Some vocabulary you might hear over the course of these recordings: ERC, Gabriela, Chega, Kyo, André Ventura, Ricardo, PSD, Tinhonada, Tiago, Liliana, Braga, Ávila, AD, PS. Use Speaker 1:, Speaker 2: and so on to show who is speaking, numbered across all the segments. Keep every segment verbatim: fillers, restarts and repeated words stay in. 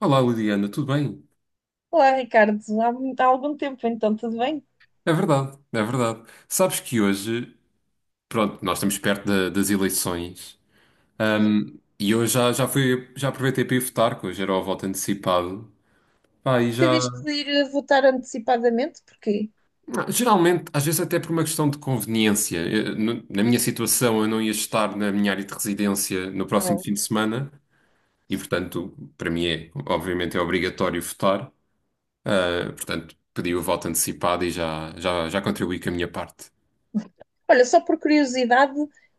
Speaker 1: Olá, Liliana, tudo bem?
Speaker 2: Olá, Ricardo. Há, mu- há algum tempo, então, tudo bem?
Speaker 1: É verdade, é verdade. Sabes que hoje, pronto, nós estamos perto da- das eleições, ahm, e eu já, já fui, já aproveitei para ir votar, que hoje era o voto antecipado. Pá, e já.
Speaker 2: Tiveste de ir a votar antecipadamente? Porquê?
Speaker 1: Geralmente, às vezes até por uma questão de conveniência. Eu, no- na minha situação, eu não ia estar na minha área de residência no próximo
Speaker 2: Não.
Speaker 1: fim de semana, e portanto, para mim é, obviamente, é obrigatório votar. Ah, portanto, pedi o voto antecipado e já, já, já contribuí com a minha parte.
Speaker 2: Olha, só por curiosidade,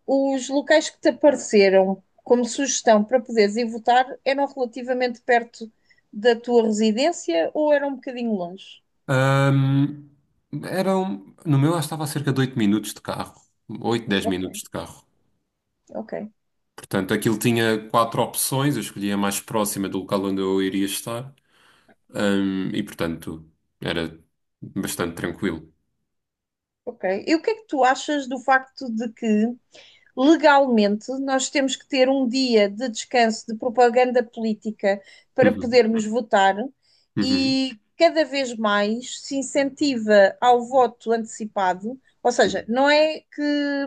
Speaker 2: os locais que te apareceram como sugestão para poderes ir votar eram relativamente perto da tua residência ou eram um bocadinho longe?
Speaker 1: Ahm, Eram, no meu, acho que estava a cerca de oito minutos de carro. Oito, dez
Speaker 2: Ok,
Speaker 1: minutos de carro.
Speaker 2: ok,
Speaker 1: Portanto, aquilo tinha quatro opções, eu escolhi a mais próxima do local onde eu iria estar. Ahm, e, portanto, era bastante tranquilo.
Speaker 2: ok. E o que é que tu achas do facto de que legalmente, nós temos que ter um dia de descanso de propaganda política para
Speaker 1: Uhum,
Speaker 2: podermos votar
Speaker 1: uhum,
Speaker 2: e cada vez mais se incentiva ao voto antecipado, ou seja, não é que,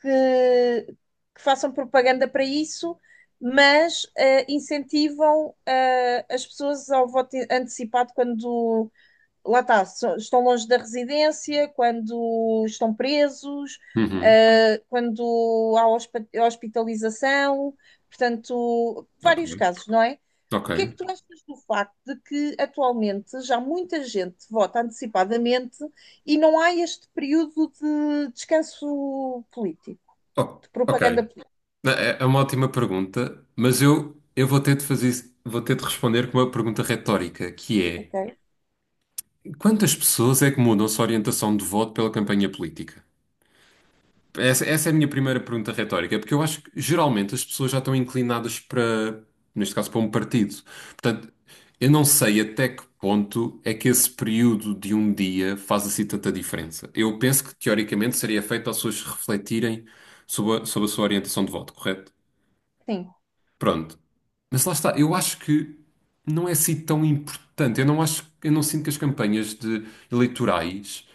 Speaker 2: que- que façam propaganda para isso, mas eh, incentivam eh, as pessoas ao voto antecipado quando, lá está, so- estão longe da residência, quando estão presos,
Speaker 1: uhum.
Speaker 2: eh, quando há hospa- hospitalização, portanto,
Speaker 1: Ok.
Speaker 2: vários casos, não é? O
Speaker 1: Ok.
Speaker 2: que é que tu achas do facto de que atualmente já muita gente vota antecipadamente e não há este período de descanso político,
Speaker 1: O-
Speaker 2: de
Speaker 1: ok.
Speaker 2: propaganda política?
Speaker 1: É, é é uma ótima pergunta, mas eu, eu vou ter de fazer, vou ter de responder com uma pergunta retórica, que é:
Speaker 2: Ok?
Speaker 1: quantas pessoas é que mudam sua orientação de voto pela campanha política? Essa, essa é a minha primeira pergunta retórica, porque eu acho que geralmente as pessoas já estão inclinadas para, neste caso, para um partido. Portanto, eu não sei até que ponto é que esse período de um dia faz assim tanta diferença. Eu penso que, teoricamente, seria feito para as pessoas refletirem sobre a, sobre a sua orientação de voto, correto?
Speaker 2: Sim.
Speaker 1: Pronto. Mas lá está, eu acho que não é assim tão importante. Eu não acho, eu não sinto que as campanhas de eleitorais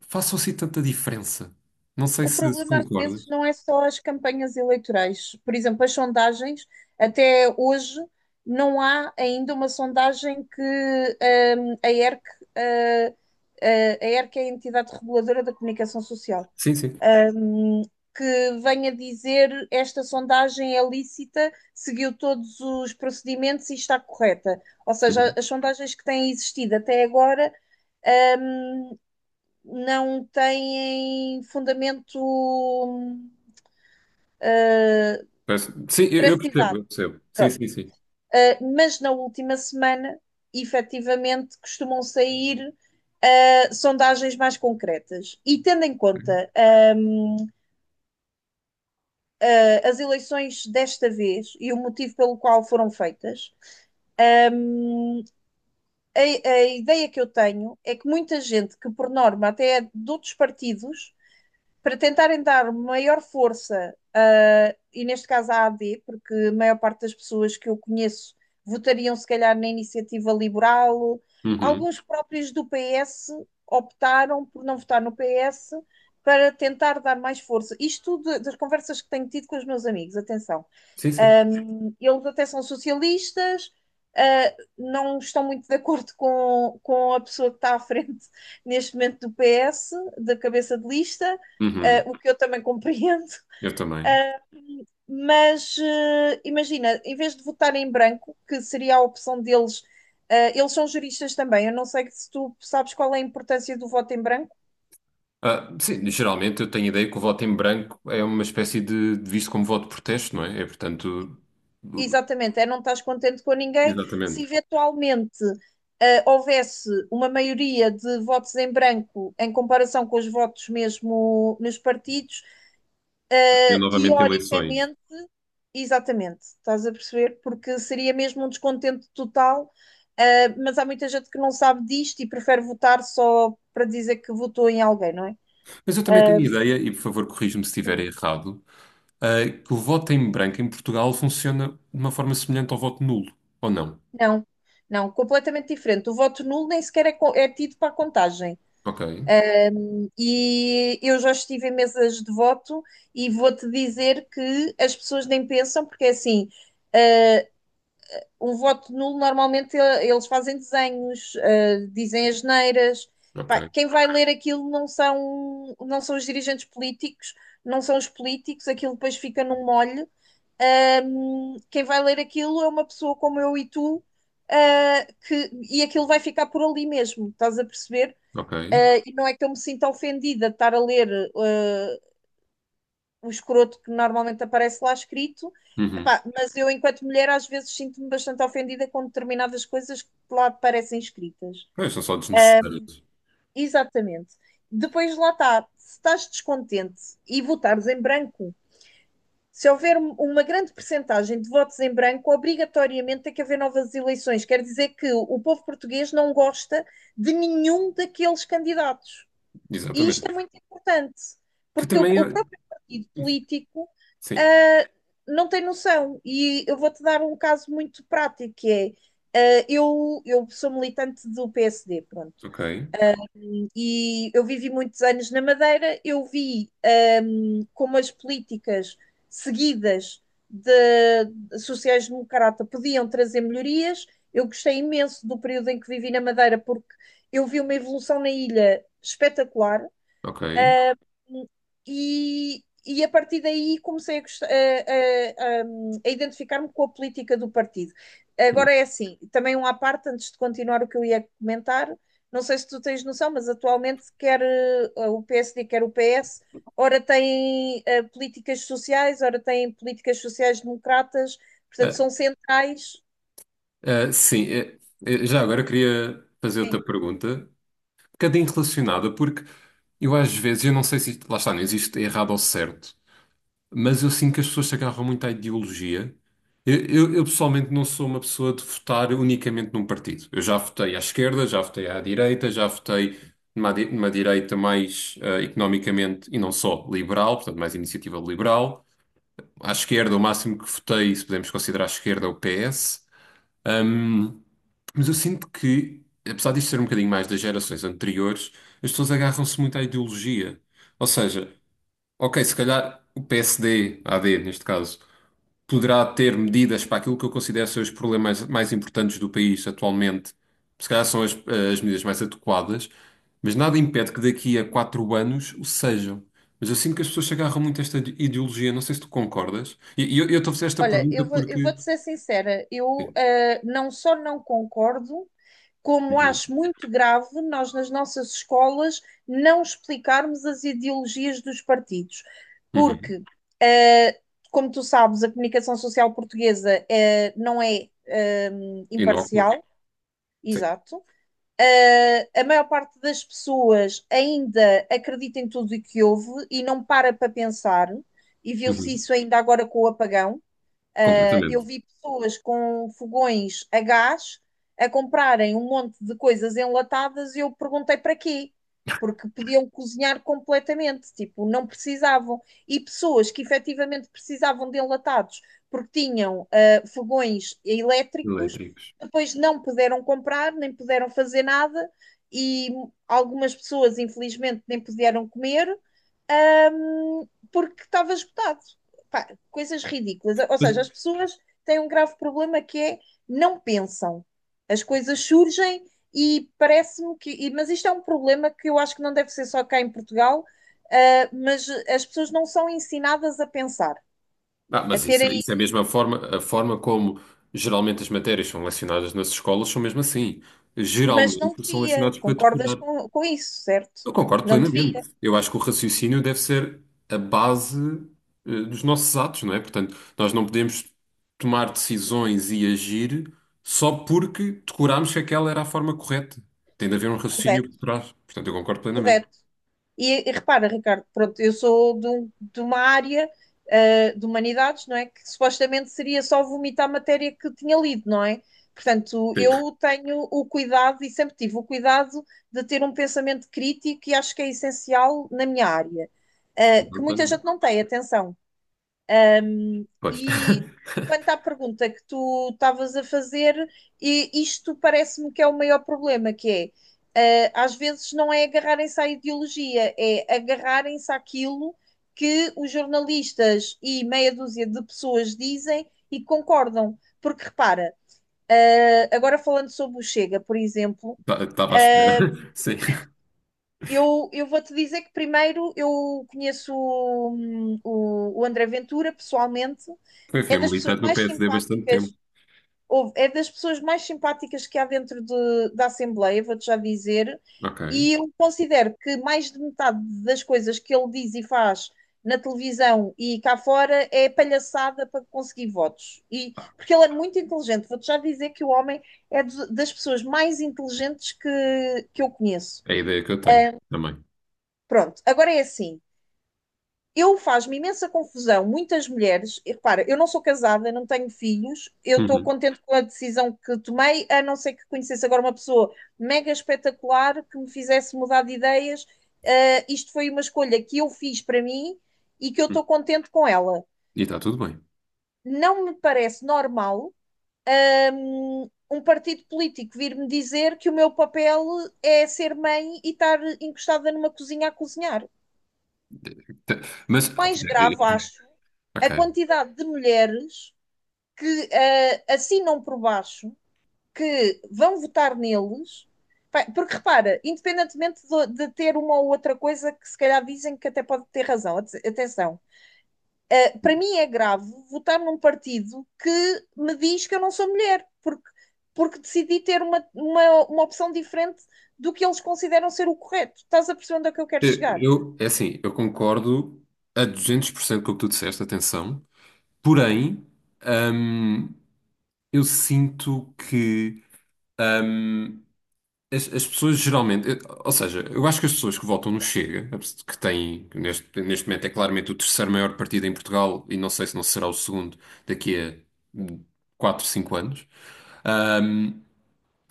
Speaker 1: façam assim tanta diferença. Não sei
Speaker 2: O
Speaker 1: se se
Speaker 2: problema às vezes
Speaker 1: concordas.
Speaker 2: não é só as campanhas eleitorais. Por exemplo, as sondagens, até hoje, não há ainda uma sondagem que hum, a E R C, eh, eh, a E R C é a entidade reguladora da comunicação social,
Speaker 1: Sim, sim.
Speaker 2: hum, que venha dizer esta sondagem é lícita, seguiu todos os procedimentos e está correta. Ou seja,
Speaker 1: Uhum.
Speaker 2: as sondagens que têm existido até agora hum, não têm fundamento hum,
Speaker 1: Parece- Sim,
Speaker 2: de
Speaker 1: eu, eu percebo,
Speaker 2: veracidade.
Speaker 1: eu percebo. Sim,
Speaker 2: Pronto.
Speaker 1: sim, sim.
Speaker 2: Ah, mas na última semana, efetivamente, costumam sair ah, sondagens mais concretas. E tendo em conta hum, as eleições desta vez e o motivo pelo qual foram feitas, hum, a, a ideia que eu tenho é que muita gente que, por norma, até é de outros partidos, para tentarem dar maior força, ah, e neste caso à A D, porque a maior parte das pessoas que eu conheço votariam se calhar na iniciativa liberal,
Speaker 1: Uhum.
Speaker 2: alguns próprios do P S optaram por não votar no P S para tentar dar mais força. Isto de- das conversas que tenho tido com os meus amigos, atenção.
Speaker 1: Sim, sim.
Speaker 2: Um, eles até são socialistas, uh, não estão muito de acordo com, com a pessoa que está à frente neste momento do P S, da cabeça de lista,
Speaker 1: Uhum.
Speaker 2: uh, o que eu também compreendo.
Speaker 1: Eu também.
Speaker 2: Mas uh, imagina, em vez de votar em branco, que seria a opção deles, uh, eles são juristas também. Eu não sei se tu sabes qual é a importância do voto em branco.
Speaker 1: Ah, sim, geralmente eu tenho a ideia que o voto em branco é uma espécie de, de visto como voto de protesto, não é? É, portanto,
Speaker 2: Exatamente, é não estás contente com ninguém. Se
Speaker 1: exatamente.
Speaker 2: eventualmente ah, houvesse uma maioria de votos em branco em comparação com os votos mesmo nos partidos,
Speaker 1: Tinha
Speaker 2: ah,
Speaker 1: novamente eleições.
Speaker 2: teoricamente, exatamente, estás a perceber? Porque seria mesmo um descontento total, ah, mas há muita gente que não sabe disto e prefere votar só para dizer que votou em alguém, não é?
Speaker 1: Mas eu também tenho
Speaker 2: Ah,
Speaker 1: a ideia, e por favor corrija-me se estiver
Speaker 2: sim.
Speaker 1: errado, ah, que o voto em branco em Portugal funciona de uma forma semelhante ao voto nulo, ou não?
Speaker 2: Não, não, completamente diferente. O voto nulo nem sequer é, co- é tido para a contagem.
Speaker 1: Ok,
Speaker 2: E eu já estive em mesas de voto e vou-te dizer que as pessoas nem pensam, porque é assim, eh, um voto nulo normalmente eh, eles fazem desenhos, eh, dizem asneiras. Pá,
Speaker 1: ok,
Speaker 2: quem vai ler aquilo não são, não são os dirigentes políticos, não são os políticos, aquilo depois fica num molho. Ahm, quem vai ler aquilo é uma pessoa como eu e tu, ah, que, e aquilo vai ficar por ali mesmo, estás a perceber?
Speaker 1: ok.
Speaker 2: Ah, e não é que eu me sinta ofendida de estar a ler ah, o escroto que normalmente aparece lá escrito.
Speaker 1: Uhum.
Speaker 2: Epá, mas eu, enquanto mulher, às vezes sinto-me bastante ofendida com determinadas coisas que lá aparecem escritas.
Speaker 1: Pois, são só desnecessários.
Speaker 2: Exatamente. Depois lá está, se estás descontente e votares em branco, se houver um- uma grande percentagem de votos em branco, obrigatoriamente tem que haver novas eleições. Quer dizer que o povo português não gosta de nenhum daqueles candidatos. E isto
Speaker 1: Exatamente.
Speaker 2: é muito importante,
Speaker 1: Que
Speaker 2: porque o,
Speaker 1: também
Speaker 2: o
Speaker 1: é.
Speaker 2: próprio partido político
Speaker 1: Sim.
Speaker 2: ah, não tem noção. E eu vou-te dar um caso muito prático, que é, ah, eu, eu sou militante do P S D, pronto.
Speaker 1: Ok,
Speaker 2: E eu vivi muitos anos na Madeira, eu vi ah, como as políticas seguidas de sociais-democrata podiam trazer melhorias. Eu gostei imenso do período em que vivi na Madeira, porque eu vi uma evolução na ilha espetacular.
Speaker 1: ok.
Speaker 2: E, e a partir daí comecei a, gost- a- a- a- a identificar-me com a política do partido.
Speaker 1: Hum.
Speaker 2: Agora é assim, também um à parte, antes de continuar o que eu ia comentar, não sei se tu tens noção, mas atualmente quer eh, o P S D, quer o P S, ora tem eh, políticas sociais, ora tem políticas sociais democratas, portanto
Speaker 1: Ah,
Speaker 2: são centrais.
Speaker 1: ah, sim, eh, eh, já agora queria fazer outra
Speaker 2: Sim.
Speaker 1: pergunta, um bocadinho relacionada, porque eu às vezes, eu não sei se isto, lá está, não existe errado ou certo, mas eu sinto que as pessoas se agarram muito à ideologia. Eu, eu- eu, pessoalmente não sou uma pessoa de votar unicamente num partido. Eu já votei à esquerda, já votei à direita, já votei numa, di- numa direita mais ah, economicamente e não só liberal, portanto mais iniciativa liberal. À esquerda, o máximo que votei, se podemos considerar a esquerda, é o P S. Ahm, mas eu sinto que, apesar disto ser um bocadinho mais das gerações anteriores, as pessoas agarram-se muito à ideologia. Ou seja, ok, se calhar o P S D, A D neste caso, poderá ter medidas para aquilo que eu considero ser os problemas mais importantes do país atualmente. Se calhar são as, as medidas mais adequadas, mas nada impede que daqui a quatro anos o sejam. Mas eu sinto que as pessoas se agarram muito a esta ideologia, não sei se tu concordas. E e eu, eu estou a fazer esta
Speaker 2: Olha,
Speaker 1: pergunta
Speaker 2: eu vou, eu
Speaker 1: porque.
Speaker 2: vou-te ser sincera, eu
Speaker 1: Sim.
Speaker 2: eh, não só não concordo, como
Speaker 1: Uhum,
Speaker 2: acho muito grave nós nas nossas escolas não explicarmos as ideologias dos partidos,
Speaker 1: uhum.
Speaker 2: porque, eh, como tu sabes, a comunicação social portuguesa eh, não é eh,
Speaker 1: Inócula.
Speaker 2: imparcial,
Speaker 1: Sim.
Speaker 2: exato. Eh, a maior parte das pessoas ainda acredita em tudo o que houve e não para para pensar, e viu-se
Speaker 1: Uhum.
Speaker 2: isso ainda agora com o apagão ah, eu
Speaker 1: Completamente.
Speaker 2: vi pessoas com fogões a gás a comprarem um monte de coisas enlatadas e eu perguntei para quê? Porque podiam cozinhar completamente, tipo, não precisavam. E pessoas que efetivamente precisavam de enlatados porque tinham ah, fogões elétricos,
Speaker 1: Elétricos.
Speaker 2: depois não puderam comprar, nem puderam fazer nada, e algumas pessoas, infelizmente, nem puderam comer, porque estava esgotado. Pá, coisas ridículas. Ou seja, as pessoas têm um grave problema que é não pensam. As coisas surgem e parece-me que. e- Mas isto é um problema que eu acho que não deve ser só cá em Portugal, ah, mas as pessoas não são ensinadas a pensar,
Speaker 1: Ah,
Speaker 2: a
Speaker 1: mas isso, é,
Speaker 2: terem.
Speaker 1: isso é a mesma forma, a forma como geralmente as matérias são lecionadas nas escolas são mesmo assim.
Speaker 2: Mas não
Speaker 1: Geralmente são
Speaker 2: devia.
Speaker 1: lecionadas para
Speaker 2: Concordas
Speaker 1: decorar.
Speaker 2: com, com isso, certo?
Speaker 1: Eu concordo
Speaker 2: Não devia.
Speaker 1: plenamente. Eu acho que o raciocínio deve ser a base, eh, dos nossos atos, não é? Portanto, nós não podemos tomar decisões e agir só porque decorámos que aquela era a forma correta. Tem de haver um raciocínio por
Speaker 2: Correto,
Speaker 1: trás. Portanto, eu concordo plenamente.
Speaker 2: correto. E, e repara, Ricardo, pronto, eu sou de, um- de uma área, ah, de humanidades, não é? Que supostamente seria só vomitar a matéria que tinha lido, não é? Portanto,
Speaker 1: Sim,
Speaker 2: eu tenho o cuidado e sempre tive o cuidado de ter um pensamento crítico e acho que é essencial na minha área, ah, que
Speaker 1: concordo
Speaker 2: muita gente
Speaker 1: plenamente.
Speaker 2: não tem, atenção.
Speaker 1: Pois,
Speaker 2: E quanto à pergunta que tu estavas a fazer, e isto parece-me que é o maior problema, que é, eh, às vezes não é agarrarem-se à ideologia, é agarrarem-se àquilo que os jornalistas e meia dúzia de pessoas dizem e concordam. Porque repara, eh, agora falando sobre o Chega, por exemplo,
Speaker 1: estava à espera.
Speaker 2: eh,
Speaker 1: Sim.
Speaker 2: eu, eu vou-te dizer que primeiro eu conheço hum, o, o André Ventura pessoalmente
Speaker 1: Foi,
Speaker 2: é
Speaker 1: foi
Speaker 2: das pessoas
Speaker 1: militante no
Speaker 2: mais
Speaker 1: P S D há bastante tempo.
Speaker 2: simpáticas, houve- é das pessoas mais simpáticas que há dentro de- da Assembleia, vou-te já dizer,
Speaker 1: Ok.
Speaker 2: e eu considero que mais de metade das coisas que ele diz e faz na televisão e cá fora é palhaçada para conseguir votos. E, porque ele é muito inteligente, vou-te já dizer que o homem é dos- das pessoas mais inteligentes que, que eu conheço.
Speaker 1: É a ideia que eu tenho também.
Speaker 2: Pronto, agora é assim. Eu faz-me imensa confusão. Muitas mulheres, e repara, eu não sou casada, não tenho filhos, eu estou
Speaker 1: Uhum.
Speaker 2: contente com a decisão que tomei, a não ser que conhecesse agora uma pessoa mega espetacular que me fizesse mudar de ideias. Ah, isto foi uma escolha que eu fiz para mim e que eu estou contente com ela.
Speaker 1: E está tudo bem.
Speaker 2: Não me parece normal hum, um partido político vir-me dizer que o meu papel é ser mãe e estar encostada numa cozinha a cozinhar.
Speaker 1: Tá- Mas,
Speaker 2: Mais grave, acho, a
Speaker 1: ok.
Speaker 2: quantidade de mulheres que ah, assinam por baixo que vão votar neles. Porque repara, independentemente do- de, ter uma ou outra coisa que se calhar dizem que até pode ter razão, atenção, ah, para mim é grave votar num partido que me diz que eu não sou mulher, porque, porque decidi ter uma, uma, uma opção diferente do que eles consideram ser o correto. Estás a perceber onde é que eu quero
Speaker 1: Eu,
Speaker 2: chegar?
Speaker 1: eu- é assim, eu concordo a duzentos por cento com o que tu disseste, atenção. Porém, hum, eu sinto que hum, as, as pessoas geralmente. eu- Ou seja, eu acho que as pessoas que votam no Chega, que têm que neste, neste momento é claramente o terceiro maior partido em Portugal, e não sei se não será o segundo daqui a quatro cinco anos. hum,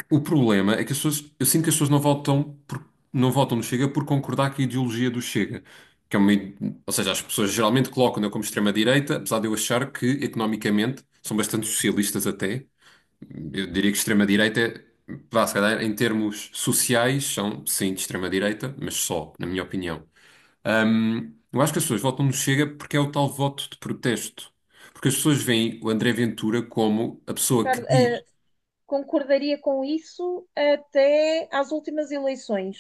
Speaker 1: O problema é que as pessoas, eu sinto que as pessoas não votam por- não votam no Chega por concordar com a ideologia do Chega. Que é uma, ide- Ou seja, as pessoas geralmente colocam-no como extrema-direita, apesar de eu achar que economicamente são bastante socialistas até. Eu diria que extrema-direita, é- vá, se calhar, em termos sociais, são sim de extrema-direita, mas só, na minha opinião. Hum, eu acho que as pessoas votam no Chega porque é o tal voto de protesto. Porque as pessoas veem o André Ventura como a pessoa que
Speaker 2: Ricardo,
Speaker 1: diz.
Speaker 2: ah, concordaria com isso até às últimas eleições.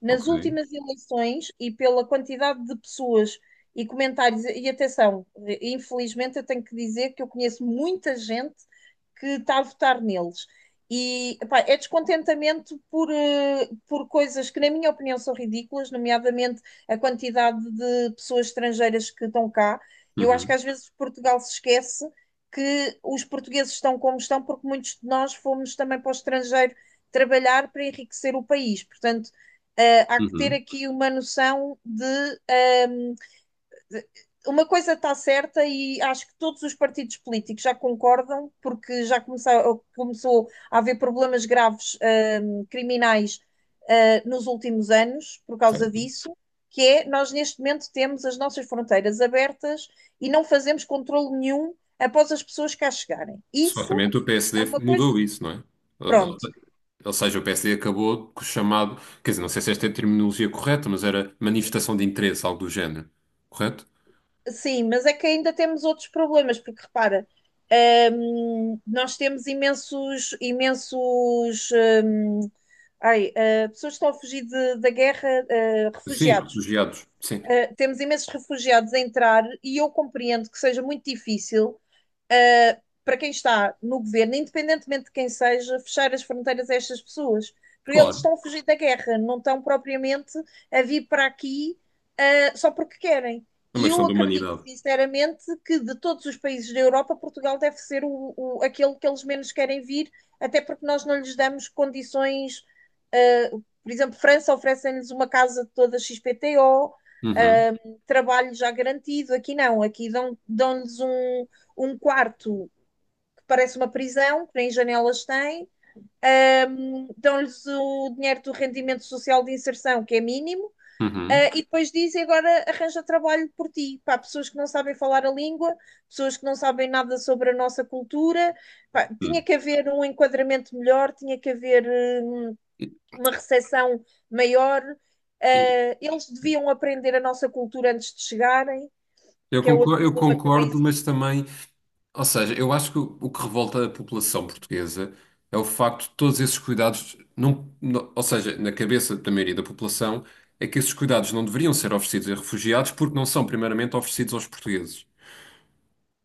Speaker 2: Nas
Speaker 1: Ok.
Speaker 2: últimas eleições, e pela quantidade de pessoas e comentários, e atenção, infelizmente eu tenho que dizer que eu conheço muita gente que está a votar neles. E epá, é descontentamento por, eh, por coisas que, na minha opinião, são ridículas, nomeadamente a quantidade de pessoas estrangeiras que estão cá. Eu acho que
Speaker 1: Uhum,
Speaker 2: às vezes Portugal se esquece que os portugueses estão como estão, porque muitos de nós fomos também para o estrangeiro trabalhar para enriquecer o país. Portanto, uh, há que ter
Speaker 1: uhum.
Speaker 2: aqui uma noção de. Um, uma coisa está certa e acho que todos os partidos políticos já concordam, porque já começou, começou a haver problemas graves hum, criminais hum, nos últimos anos por causa
Speaker 1: Certo.
Speaker 2: disso, que é nós neste momento temos as nossas fronteiras abertas e não fazemos controle nenhum após as pessoas cá chegarem. Isso
Speaker 1: Certamente o
Speaker 2: é
Speaker 1: P S D
Speaker 2: uma coisa,
Speaker 1: mudou isso, não é? Uh,
Speaker 2: pronto.
Speaker 1: Ou seja, o P S D acabou com o chamado, quer dizer, não sei se esta é a terminologia correta, mas era manifestação de interesse, algo do género, correto?
Speaker 2: Sim, mas é que ainda temos outros problemas, porque repara, hum, nós temos imensos, imensos, hum, ai, ah, pessoas que estão a fugir de- da guerra, ah,
Speaker 1: Sim,
Speaker 2: refugiados.
Speaker 1: refugiados, sim,
Speaker 2: Ah, temos imensos refugiados a entrar e eu compreendo que seja muito difícil uh, para quem está no governo, independentemente de quem seja, fechar as fronteiras a estas pessoas. Porque eles
Speaker 1: claro,
Speaker 2: estão a fugir da guerra, não estão propriamente a vir para aqui uh, só porque querem.
Speaker 1: é uma
Speaker 2: E
Speaker 1: questão
Speaker 2: eu
Speaker 1: de
Speaker 2: acredito,
Speaker 1: humanidade.
Speaker 2: sinceramente, que de todos os países da Europa, Portugal deve ser o, o, aquele que eles menos querem vir, até porque nós não lhes damos condições. Uh, por exemplo, França oferece lhes uma casa toda xis P T O,
Speaker 1: Uhum,
Speaker 2: uh, trabalho já garantido. Aqui não, aqui dão-lhes dão dão-lhes um, um quarto que parece uma prisão, que nem janelas tem, um, dão-lhes o dinheiro do rendimento social de inserção, que é mínimo. Uh,
Speaker 1: uhum,
Speaker 2: e depois dizem agora arranja trabalho por ti. Pá, pessoas que não sabem falar a língua, pessoas que não sabem nada sobre a nossa cultura. Pá, tinha
Speaker 1: uhum.
Speaker 2: que haver um enquadramento melhor, tinha que haver uh, uma recepção maior. Uh, eles deviam aprender a nossa cultura antes de chegarem,
Speaker 1: Eu
Speaker 2: que é outro
Speaker 1: concordo, eu
Speaker 2: problema que também
Speaker 1: concordo,
Speaker 2: existe.
Speaker 1: mas também ou seja, eu acho que o o que revolta a população portuguesa é o facto de todos esses cuidados não, não- ou seja, na cabeça da maioria da população, é que esses cuidados não deveriam ser oferecidos a refugiados porque não são primeiramente oferecidos aos portugueses.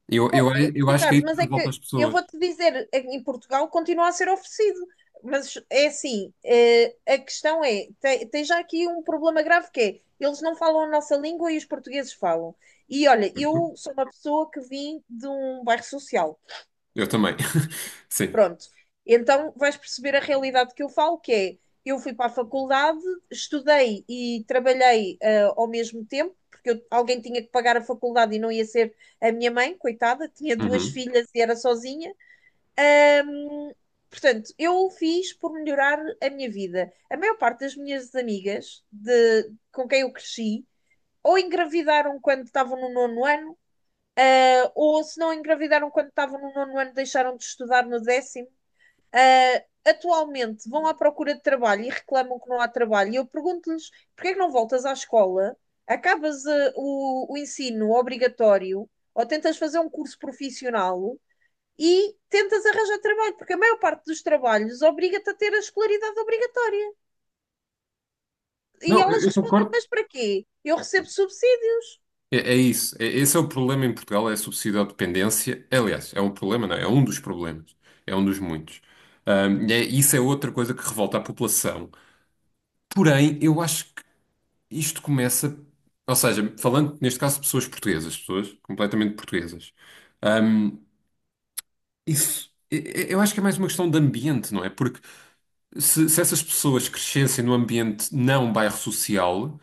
Speaker 1: Eu, eu,
Speaker 2: Oh, oh,
Speaker 1: eu acho que é
Speaker 2: Ricardo,
Speaker 1: isso
Speaker 2: mas
Speaker 1: que
Speaker 2: é
Speaker 1: revolta
Speaker 2: que
Speaker 1: as
Speaker 2: eu
Speaker 1: pessoas.
Speaker 2: vou-te dizer, em Portugal continua a ser oferecido. Mas é assim, eh, a questão é, tem, tem já aqui um problema grave que é, eles não falam a nossa língua e os portugueses falam. E olha,
Speaker 1: Certo?
Speaker 2: eu sou uma pessoa que vim de um bairro social.
Speaker 1: Eu também. Sim.
Speaker 2: Pronto. Então vais perceber a realidade que eu falo, que é eu fui para a faculdade, estudei e trabalhei ah, ao mesmo tempo, porque eu- alguém tinha que pagar a faculdade e não ia ser a minha mãe, coitada, tinha duas
Speaker 1: Uhum.
Speaker 2: filhas e era sozinha. Ahm, Portanto, eu fiz por melhorar a minha vida. A maior parte das minhas amigas de, com quem eu cresci ou engravidaram quando estavam no nono ano, ah, ou se não engravidaram quando estavam no nono ano, deixaram de estudar no décimo. Ah, atualmente vão à procura de trabalho e reclamam que não há trabalho, e eu pergunto-lhes porque é que não voltas à escola, acabas eh, o, o ensino obrigatório ou tentas fazer um curso profissional e tentas arranjar trabalho, porque a maior parte dos trabalhos obriga-te a ter a escolaridade obrigatória. E
Speaker 1: Não, eu,
Speaker 2: elas
Speaker 1: eu
Speaker 2: respondem:
Speaker 1: concordo.
Speaker 2: Mas para quê? Eu recebo subsídios.
Speaker 1: É, é isso. É- esse é o problema em Portugal, é a subsídio-dependência. Aliás, é um problema, não é? É um dos problemas. É um dos muitos. Ahm, e é- isso é outra coisa que revolta a população. Porém, eu acho que isto começa, ou seja, falando neste caso de pessoas portuguesas, pessoas completamente portuguesas, hum, isso, e- e- eu acho que é mais uma questão de ambiente, não é? Porque se, se essas pessoas crescessem num ambiente não bairro social,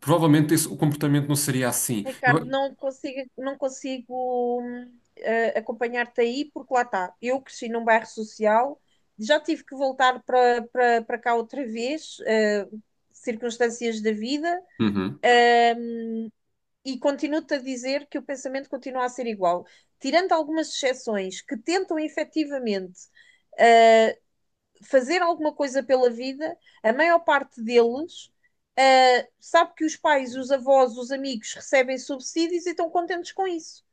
Speaker 1: provavelmente esse- o comportamento não seria assim.
Speaker 2: Ricardo,
Speaker 1: Eu-
Speaker 2: não consigo, não consigo hum, eh, acompanhar-te aí, porque lá está. Eu cresci num bairro social, já tive que voltar para para- para cá outra vez, eh, circunstâncias da vida,
Speaker 1: Uhum.
Speaker 2: e continuo-te a dizer que o pensamento continua a ser igual. Tirando algumas exceções que tentam efetivamente eh, fazer alguma coisa pela vida, a maior parte deles eh, sabe que os pais, os avós, os amigos recebem subsídios e estão contentes com isso.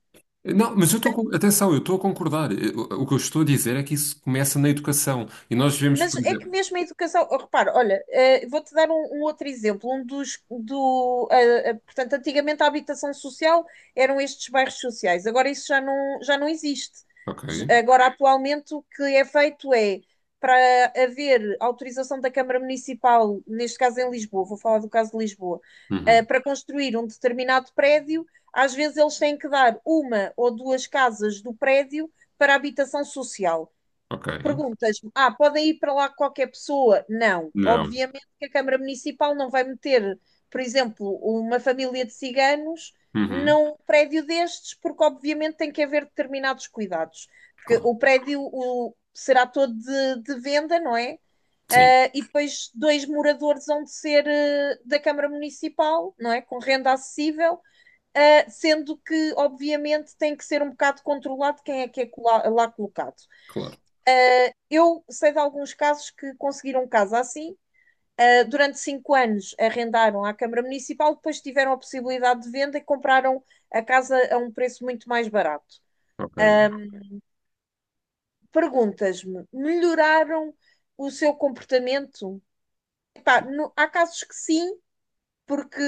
Speaker 1: Não, mas eu estou com. Atenção, eu estou a concordar. Eu- O que eu estou a dizer é que isso começa na educação. E nós vemos,
Speaker 2: Mas
Speaker 1: por
Speaker 2: é que
Speaker 1: exemplo.
Speaker 2: mesmo a educação, oh, repara, olha, eh, vou-te dar um, um outro exemplo. Um dos do, ah, ah, Portanto, antigamente a habitação social eram estes bairros sociais. Agora isso já não, já não existe.
Speaker 1: Ok.
Speaker 2: J- Agora, atualmente, o que é feito é para haver autorização da Câmara Municipal, neste caso em Lisboa, vou falar do caso de Lisboa, ah,
Speaker 1: Uhum.
Speaker 2: para construir um determinado prédio, às vezes eles têm que dar uma ou duas casas do prédio para habitação social.
Speaker 1: Ok.
Speaker 2: Perguntas-me, ah, podem ir para lá qualquer pessoa? Não,
Speaker 1: Não.
Speaker 2: obviamente que a Câmara Municipal não vai meter, por exemplo, uma família de ciganos
Speaker 1: Uhum.
Speaker 2: num prédio destes, porque obviamente tem que haver determinados cuidados. Porque
Speaker 1: Claro.
Speaker 2: o prédio o- será todo de, de venda, não é?
Speaker 1: Sim.
Speaker 2: Ah, e depois dois moradores vão de ser ah, da Câmara Municipal, não é? Com renda acessível, ah, sendo que, obviamente, tem que ser um bocado controlado quem é que é cola- lá colocado.
Speaker 1: Claro.
Speaker 2: Uh, Eu sei de alguns casos que conseguiram casa assim. Uh, durante cinco anos arrendaram à Câmara Municipal, depois tiveram a possibilidade de venda e compraram a casa a um preço muito mais barato.
Speaker 1: Ok.
Speaker 2: Perguntas-me, melhoraram o seu comportamento? Epá, no, há casos que sim, porque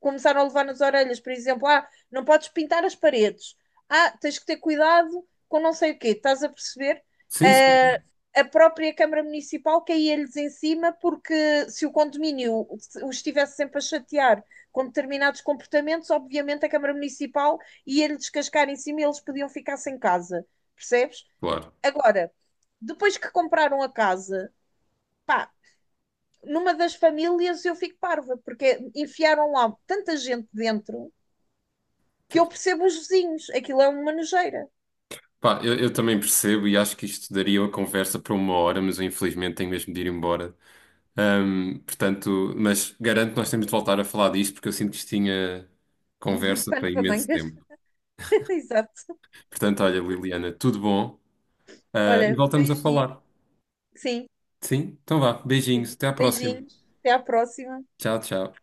Speaker 2: começaram a levar nas orelhas, por exemplo, ah, não podes pintar as paredes, ah, tens que ter cuidado com não sei o quê, estás a perceber?
Speaker 1: Sim, sim,
Speaker 2: Ah, a própria Câmara Municipal caía-lhes em cima porque se o condomínio os estivesse sempre a chatear com determinados comportamentos, obviamente a Câmara Municipal ia-lhe descascar em cima e eles podiam ficar sem casa, percebes?
Speaker 1: claro.
Speaker 2: Agora, depois que compraram a casa, pá, numa das famílias eu fico parva, porque enfiaram lá tanta gente dentro que
Speaker 1: Pois.
Speaker 2: eu percebo os vizinhos. Aquilo é uma nojeira.
Speaker 1: Pá, eu, eu também percebo e acho que isto daria uma conversa para uma hora, mas eu infelizmente tenho mesmo de ir embora. Ahm, portanto, mas garanto que nós temos de voltar a falar disto porque eu sinto que isto tinha
Speaker 2: Muito
Speaker 1: conversa para
Speaker 2: pano para
Speaker 1: imenso
Speaker 2: mangas.
Speaker 1: tempo.
Speaker 2: Exato.
Speaker 1: Portanto, olha, Liliana, tudo bom? Ah, e
Speaker 2: Olha,
Speaker 1: voltamos a
Speaker 2: beijinho.
Speaker 1: falar.
Speaker 2: Sim,
Speaker 1: Sim? Então vá, beijinhos,
Speaker 2: sim.
Speaker 1: até à próxima.
Speaker 2: Beijinhos. Até à próxima.
Speaker 1: Tchau, tchau.